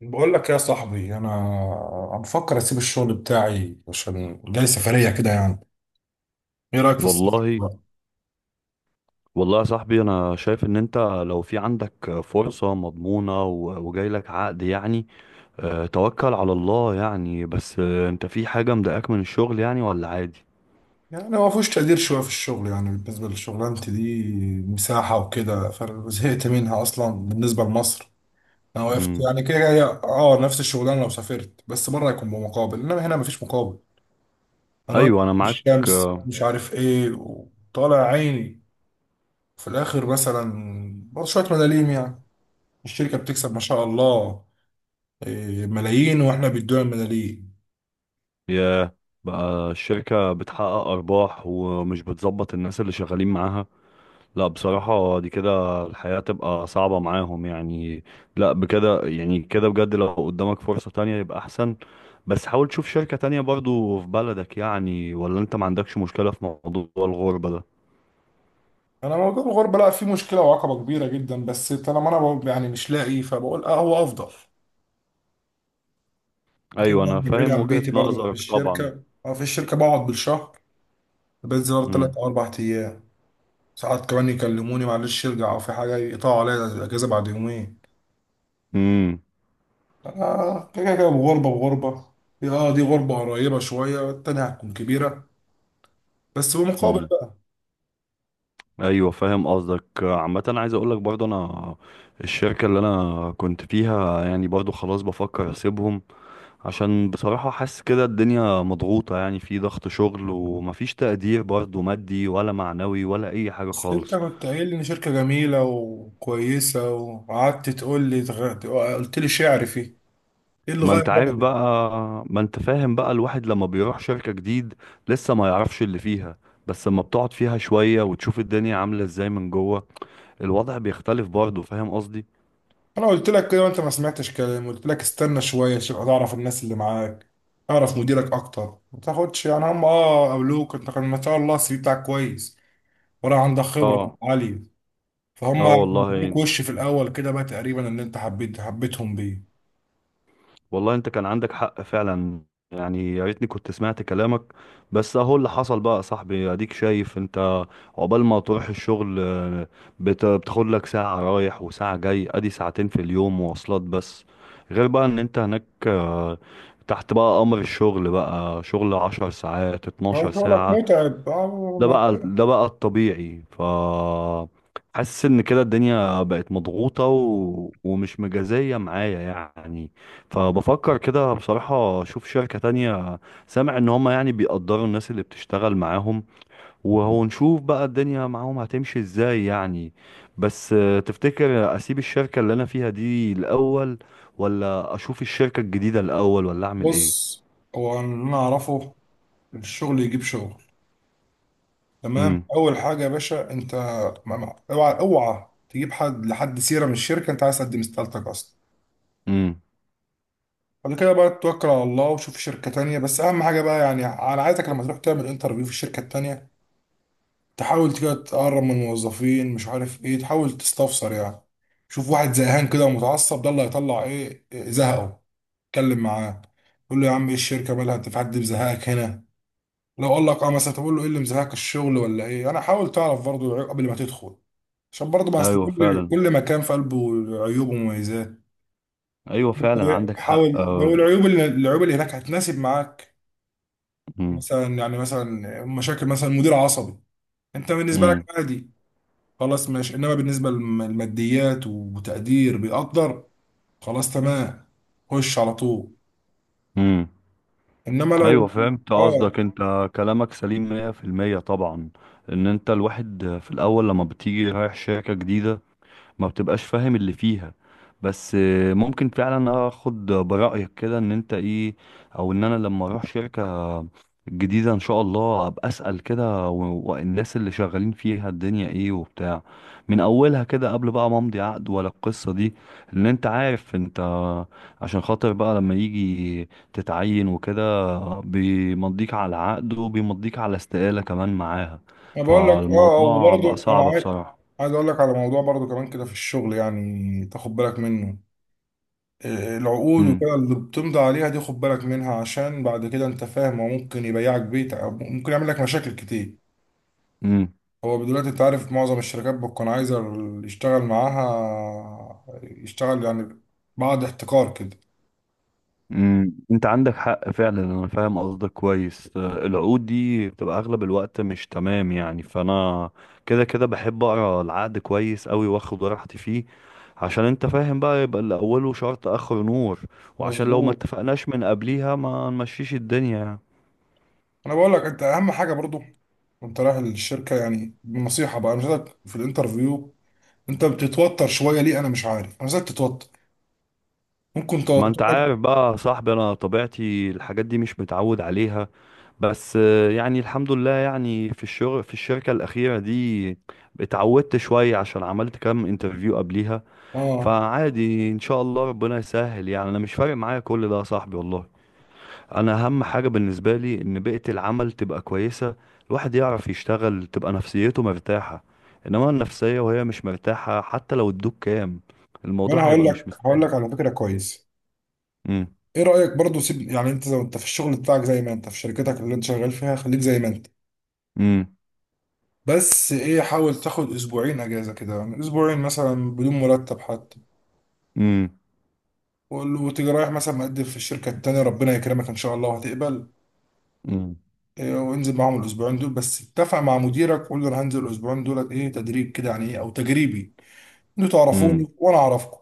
بقول لك يا صاحبي، انا بفكر اسيب الشغل بتاعي عشان جاي سفريه كده يعني. ايه رايك في السفر والله، بقى؟ والله يا صاحبي، انا شايف ان انت لو في عندك فرصة مضمونة وجاي لك عقد يعني. توكل على الله يعني. بس انت في حاجة مضايقاك من الشغل يعني ولا عادي؟ يعني ما فيهوش تقدير شويه في الشغل، يعني بالنسبه لشغلانتي دي مساحه وكده، فزهقت منها اصلا بالنسبه لمصر. انا وقفت مم. يعني كده، هي نفس الشغلانه، لو سافرت بس بره يكون بمقابل، انما هنا مفيش مقابل. انا واقف ايوه، انا في معاك. الشمس، آه، مش عارف ايه، وطالع عيني في الاخر مثلا برضه شويه ملاليم، يعني الشركه بتكسب ما شاء الله. إيه، ملايين، واحنا بيدونا ملايين. يا، بقى الشركة بتحقق ارباح ومش بتظبط الناس اللي شغالين معاها. لا، بصراحة دي كده الحياة تبقى صعبة معاهم يعني. لا، بكده يعني كده بجد لو قدامك فرصة تانية يبقى أحسن. بس حاول تشوف شركة تانية برضو في بلدك يعني، ولا أنت ما عندكش مشكلة في موضوع الغربة ده؟ انا موضوع الغربه لا فيه مشكله وعقبه كبيره جدا، بس طالما انا يعني مش لاقي، فبقول هو افضل كده أيوة، أنا بعيد فاهم عن وجهة بيتي. برضه نظرك طبعا. في الشركه بقعد بالشهر. بنزل مم. 3 او 4 ايام. ساعات كمان يكلموني معلش ارجع، او في حاجه يقطعوا عليا الاجازه بعد يومين. مم. انا كده كده بغربه بغربه. اه، دي غربه قريبه شويه، التانيه هتكون كبيره. بس بمقابل. مم. أيوة، فاهم قصدك. عامة عايز أقولك برضو أنا الشركة اللي أنا كنت فيها يعني برضو خلاص بفكر أسيبهم، عشان بصراحة حاسس كده الدنيا مضغوطة يعني، في ضغط شغل ومفيش تقدير برضه مادي ولا معنوي ولا أي حاجة بس انت خالص. كنت قايل لي ان شركة جميلة وكويسة، وقعدت تقول لي قلت لي شعر فيه. ايه اللي ما انت غير عارف رأيك؟ بقى، ما انت فاهم بقى الواحد لما بيروح شركة جديد لسه ما يعرفش اللي فيها. بس لما بتقعد فيها شوية وتشوف الدنيا عاملة ازاي من جوه، الوضع بيختلف برضه. فاهم قصدي؟ انا قلت لك كده وانت ما سمعتش كلام، قلت لك استنى شوية عشان اعرف الناس اللي معاك، اعرف مديرك اكتر. ما تاخدش يعني، هم قابلوك انت كان ما شاء الله السي في بتاعك كويس، ولا عندك خبرة اه عالية. فهم اه، ادوك والله وش في الاول كده بقى، تقريبا ان انت حبيتهم بيه. والله انت كان عندك حق فعلا. يعني يا ريتني كنت سمعت كلامك. بس اهو اللي حصل بقى يا صاحبي، اديك شايف انت. عقبال ما تروح الشغل بتاخد لك ساعة رايح وساعة جاي، ادي ساعتين في اليوم مواصلات بس. غير بقى ان انت هناك تحت بقى امر الشغل، بقى شغل 10 ساعات اتناشر هو شغلك ساعة متعب؟ ده بقى ما- ده بقى الطبيعي. ف حاسس ان كده الدنيا بقت مضغوطة ومش مجازية معايا يعني. فبفكر كده بصراحة اشوف شركة تانية. سامع ان هما يعني بيقدروا الناس اللي بتشتغل معاهم، وهو نشوف بقى الدنيا معاهم هتمشي ازاي يعني. بس تفتكر اسيب الشركة اللي انا فيها دي الاول، ولا اشوف الشركة الجديدة الاول، ولا اعمل ايه؟ بص، هو اللي انا اعرفه، الشغل يجيب شغل. تمام. امم. اول حاجه يا باشا انت، اوعى اوعى تجيب حد لحد سيره من الشركه، انت عايز تقدم استقالتك اصلا. امم. بعد كده بقى توكل على الله وشوف شركه تانية، بس اهم حاجه بقى، يعني انا عايزك لما تروح تعمل انترفيو في الشركه التانية تحاول كده تقرب من الموظفين، مش عارف ايه، تحاول تستفسر يعني. شوف واحد زهقان كده ومتعصب، ده اللي هيطلع إيه زهقه. اتكلم معاه، قول له: يا عم، ايه الشركه مالها، انت في حد مزهقك هنا؟ لو قال لك اه مثلا، تقول له ايه اللي مزهقك الشغل ولا ايه. انا حاول تعرف برضه العيوب قبل ما تدخل، عشان برضه ما اصل ايوه كل فعلا. كل مكان في قلبه عيوب ومميزات. ايوه انت فعلا، عندك حق. حاول. لو العيوب اللي هناك هتناسب معاك، امم. مثلا يعني، مثلا مشاكل، مثلا مدير عصبي، انت بالنسبه لك امم. عادي، خلاص ماشي. انما بالنسبه للماديات وتقدير بيقدر، خلاص تمام، خش على طول. امم. انما ايوه لو فهمت اه قصدك، انت كلامك سليم 100% طبعا. ان انت الواحد في الاول لما بتيجي رايح شركة جديدة ما بتبقاش فاهم اللي فيها. بس ممكن فعلا اخد برأيك كده، ان انت ايه، او ان انا لما اروح شركة جديدة ان شاء الله ابقى اسأل كده والناس اللي شغالين فيها الدنيا ايه وبتاع، من اولها كده قبل بقى ما امضي عقد ولا القصة دي. لان انت عارف انت، عشان خاطر بقى لما يجي تتعين وكده بيمضيك على عقد وبيمضيك على استقالة كمان معاها. انا بقول لك فالموضوع بقى وبرضه انا صعب عايز بصراحة. عايز اقول لك على موضوع برضه كمان كده في الشغل، يعني تاخد بالك منه. العقود امم. وكده اللي بتمضي عليها دي خد بالك منها، عشان بعد كده انت فاهم، هو ممكن يبيعك بيت أو ممكن يعمل لك مشاكل كتير. امم. هو دلوقتي انت عارف معظم الشركات بتكون عايزة اللي يشتغل معاها يشتغل، يعني بعد احتكار كده. امم، انت عندك حق فعلا، انا فاهم قصدك كويس. العقود دي بتبقى اغلب الوقت مش تمام يعني، فانا كده كده بحب اقرا العقد كويس قوي واخد راحتي فيه. عشان انت فاهم بقى، يبقى اللي اوله شرط اخره نور، وعشان لو ما مظبوط. اتفقناش من قبليها ما نمشيش الدنيا يعني. انا بقول لك انت اهم حاجة برضو وانت رايح الشركة، يعني نصيحة بقى، انا شايفك في الانترفيو انت بتتوتر شوية. ليه انا مش عارف، انا زيك تتوتر، ممكن ما انت عارف توترك. بقى يا صاحبي، انا طبيعتي الحاجات دي مش متعود عليها. بس يعني الحمد لله يعني في الشغل في الشركة الأخيرة دي اتعودت شوية، عشان عملت كام انترفيو قبليها. اه، فعادي ان شاء الله ربنا يسهل يعني. انا مش فارق معايا كل ده يا صاحبي والله. انا اهم حاجة بالنسبة لي ان بيئة العمل تبقى كويسة، الواحد يعرف يشتغل تبقى نفسيته مرتاحة. انما النفسية وهي مش مرتاحة حتى لو ادوك كام، الموضوع وانا هقول هيبقى مش لك هقول مستاهل. لك على فكرة كويس. امم. ايه رأيك برضو، سيب يعني، انت لو انت في الشغل بتاعك زي ما انت في شركتك اللي انت شغال فيها خليك زي ما انت. امم. بس ايه، حاول تاخد اسبوعين اجازة كده، يعني اسبوعين مثلا بدون مرتب حتى. امم. وقول له، وتيجي رايح مثلا مقدم في الشركة التانية ربنا يكرمك ان شاء الله وهتقبل. امم. وانزل معاهم الاسبوعين دول، بس اتفق مع مديرك قول له: انا هنزل الاسبوعين دولت ايه تدريب كده، يعني ايه او تجريبي. انتوا امم. تعرفوني وانا اعرفكم.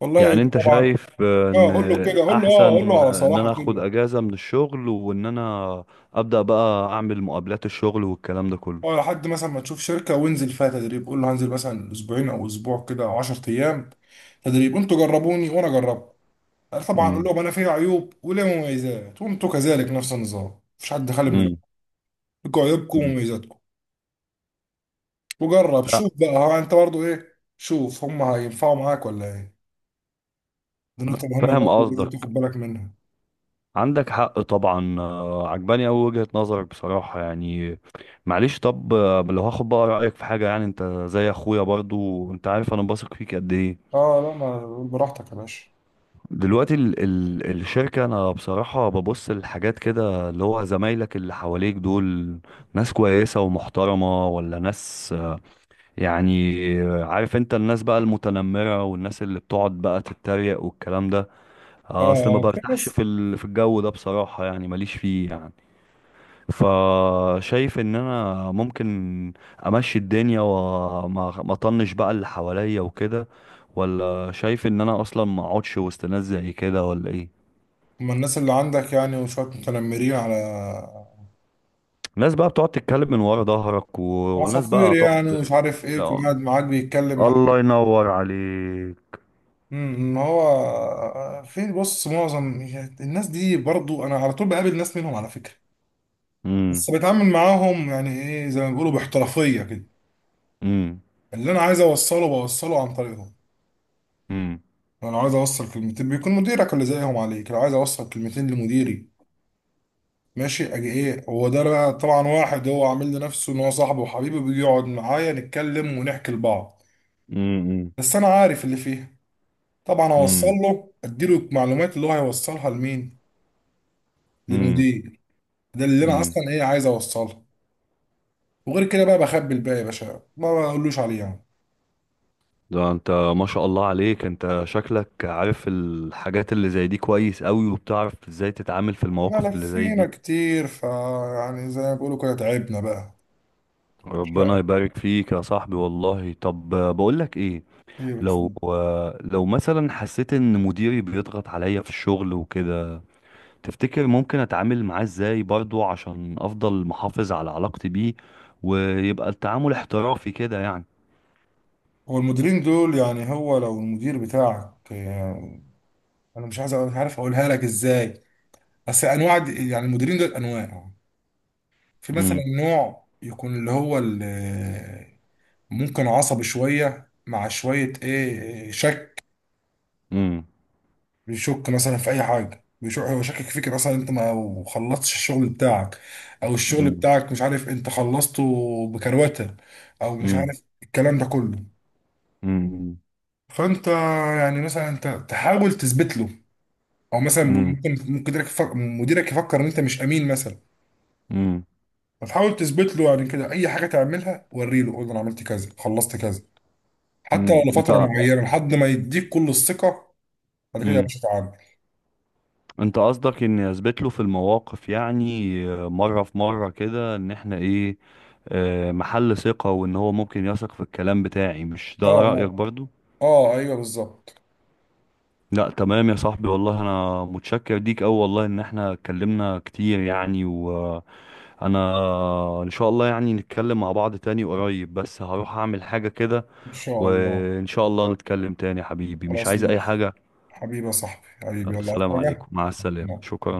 والله يعني انت طبعا. شايف ان اه، قول له كده، قول له اه الاحسن قول له على ان صراحة انا اخد كده. اجازة من الشغل، وان انا ابدأ بقى اعمل مقابلات الشغل والكلام ده كله. اه، لحد مثلا ما تشوف شركة وانزل فيها تدريب، قول له هنزل مثلا اسبوعين او اسبوع كده او 10 ايام تدريب. انتوا جربوني وانا جربت. طبعا اقول امم. لهم انا فيها عيوب وليا مميزات وانتوا كذلك، نفس النظام، مفيش حد خالي من العيوب. لكم عيوبكم امم. ومميزاتكم. وجرب، شوف بقى، ها انت برضو ايه، شوف هم هينفعوا معاك ولا ايه. دي نقطة مهمة فاهم برضو لازم قصدك، تاخد بالك منها. عندك حق طبعا. عجباني أوي وجهة نظرك بصراحة يعني. معلش طب، لو هاخد بقى رأيك في حاجة يعني، انت زي اخويا برضو، انت عارف انا بثق فيك قد ايه. اه لا، ما قول براحتك يا باشا. دلوقتي ال الشركة، انا بصراحة ببص للحاجات كده اللي هو زمايلك اللي حواليك دول، ناس كويسة ومحترمة ولا ناس يعني، عارف انت الناس بقى المتنمرة والناس اللي بتقعد بقى تتريق والكلام ده. اه، اصل ما اه، في برتاحش ناس. في في الجو ده بصراحة يعني، ماليش فيه يعني. فشايف ان انا ممكن امشي الدنيا وما ما اطنش بقى اللي حواليا وكده، ولا شايف ان انا اصلا ما اقعدش وسط ناس زي كده، ولا ايه؟ هم الناس اللي عندك يعني، وشوية متنمرين على ناس بقى بتقعد تتكلم من ورا ظهرك وناس عصافير بقى يعني، ومش تقعد. عارف ايه، يكون قاعد معاك بيتكلم الله معاك. ينور عليك. ما هو في بص معظم الناس دي برضو، انا على طول بقابل ناس منهم على فكرة. امم. بس بتعامل معاهم، يعني ايه، زي ما بيقولوا باحترافية كده. امم. اللي انا عايز اوصله بوصله عن طريقهم. امم. انا لو عايز اوصل كلمتين بيكون مديرك اللي زيهم عليك لو عايز اوصل كلمتين لمديري. ماشي، اجي ايه، هو ده بقى طبعا، واحد هو عامل لنفسه ان هو صاحبه وحبيبه، بيجي يقعد معايا نتكلم ونحكي لبعض. امم. بس انا عارف اللي فيها. طبعا اوصل له، اديله المعلومات اللي هو هيوصلها لمين؟ امم. للمدير. ده اللي انا امم. اصلا ايه عايز اوصلها. وغير كده بقى بخبي الباقي يا باشا، ما بقولوش عليه يعني. ده انت ما شاء الله عليك، انت شكلك عارف الحاجات اللي زي دي كويس قوي، وبتعرف ازاي تتعامل في احنا المواقف اللي زي لفينا دي. كتير، يعني زي ما بيقولوا كده تعبنا بقى. ربنا شقة يبارك فيك يا صاحبي والله. طب بقولك ايه، كتير لو بتفهم. لو مثلا حسيت ان مديري بيضغط عليا في الشغل وكده، تفتكر ممكن اتعامل معاه ازاي برضو عشان افضل محافظ على علاقتي بيه، ويبقى التعامل احترافي كده يعني؟ هو المديرين دول يعني، هو لو المدير بتاعك يعني، انا مش عايز مش عارف اقولها لك ازاي، بس انواع دي يعني المديرين دول انواع. في مثلا امم. نوع يكون اللي هو اللي ممكن عصبي شوية، مع شوية ايه، شك. امم. بيشك مثلا في اي حاجه، بيشك. هو شاكك فيك مثلا انت ما خلصتش الشغل بتاعك، او الشغل امم. بتاعك مش عارف انت خلصته بكروته، او مش امم. عارف الكلام ده كله. امم. فانت، يعني مثلا انت تحاول تثبت له. او مثلا امم. ممكن مديرك يفكر ان انت مش امين مثلا. فتحاول تثبت له يعني كده، اي حاجه تعملها وري له، قول له انا عملت كذا خلصت كذا. حتى لو امم. لفتره معينه لحد ما يديك كل الثقه. بعد كده يا امم باشا تعالى. انت قصدك اني اثبت له في المواقف يعني، مره في مره كده، ان احنا ايه، محل ثقه، وان هو ممكن يثق في الكلام بتاعي. مش ده اه، رايك اه، برضو؟ اه، ايوه بالظبط. لا تمام يا صاحبي والله، انا متشكر ليك اوي والله ان احنا اتكلمنا كتير يعني. وانا ان شاء الله يعني نتكلم مع بعض تاني قريب، بس هروح اعمل حاجه كده. ان شاء الله. وان شاء الله نتكلم تاني يا حبيبي. مش خلاص عايز اي ماشي. حاجه. حبيبي يا صاحبي، حبيبي، يلا عايز السلام حاجة؟ عليكم، مع السلامه، شكرا.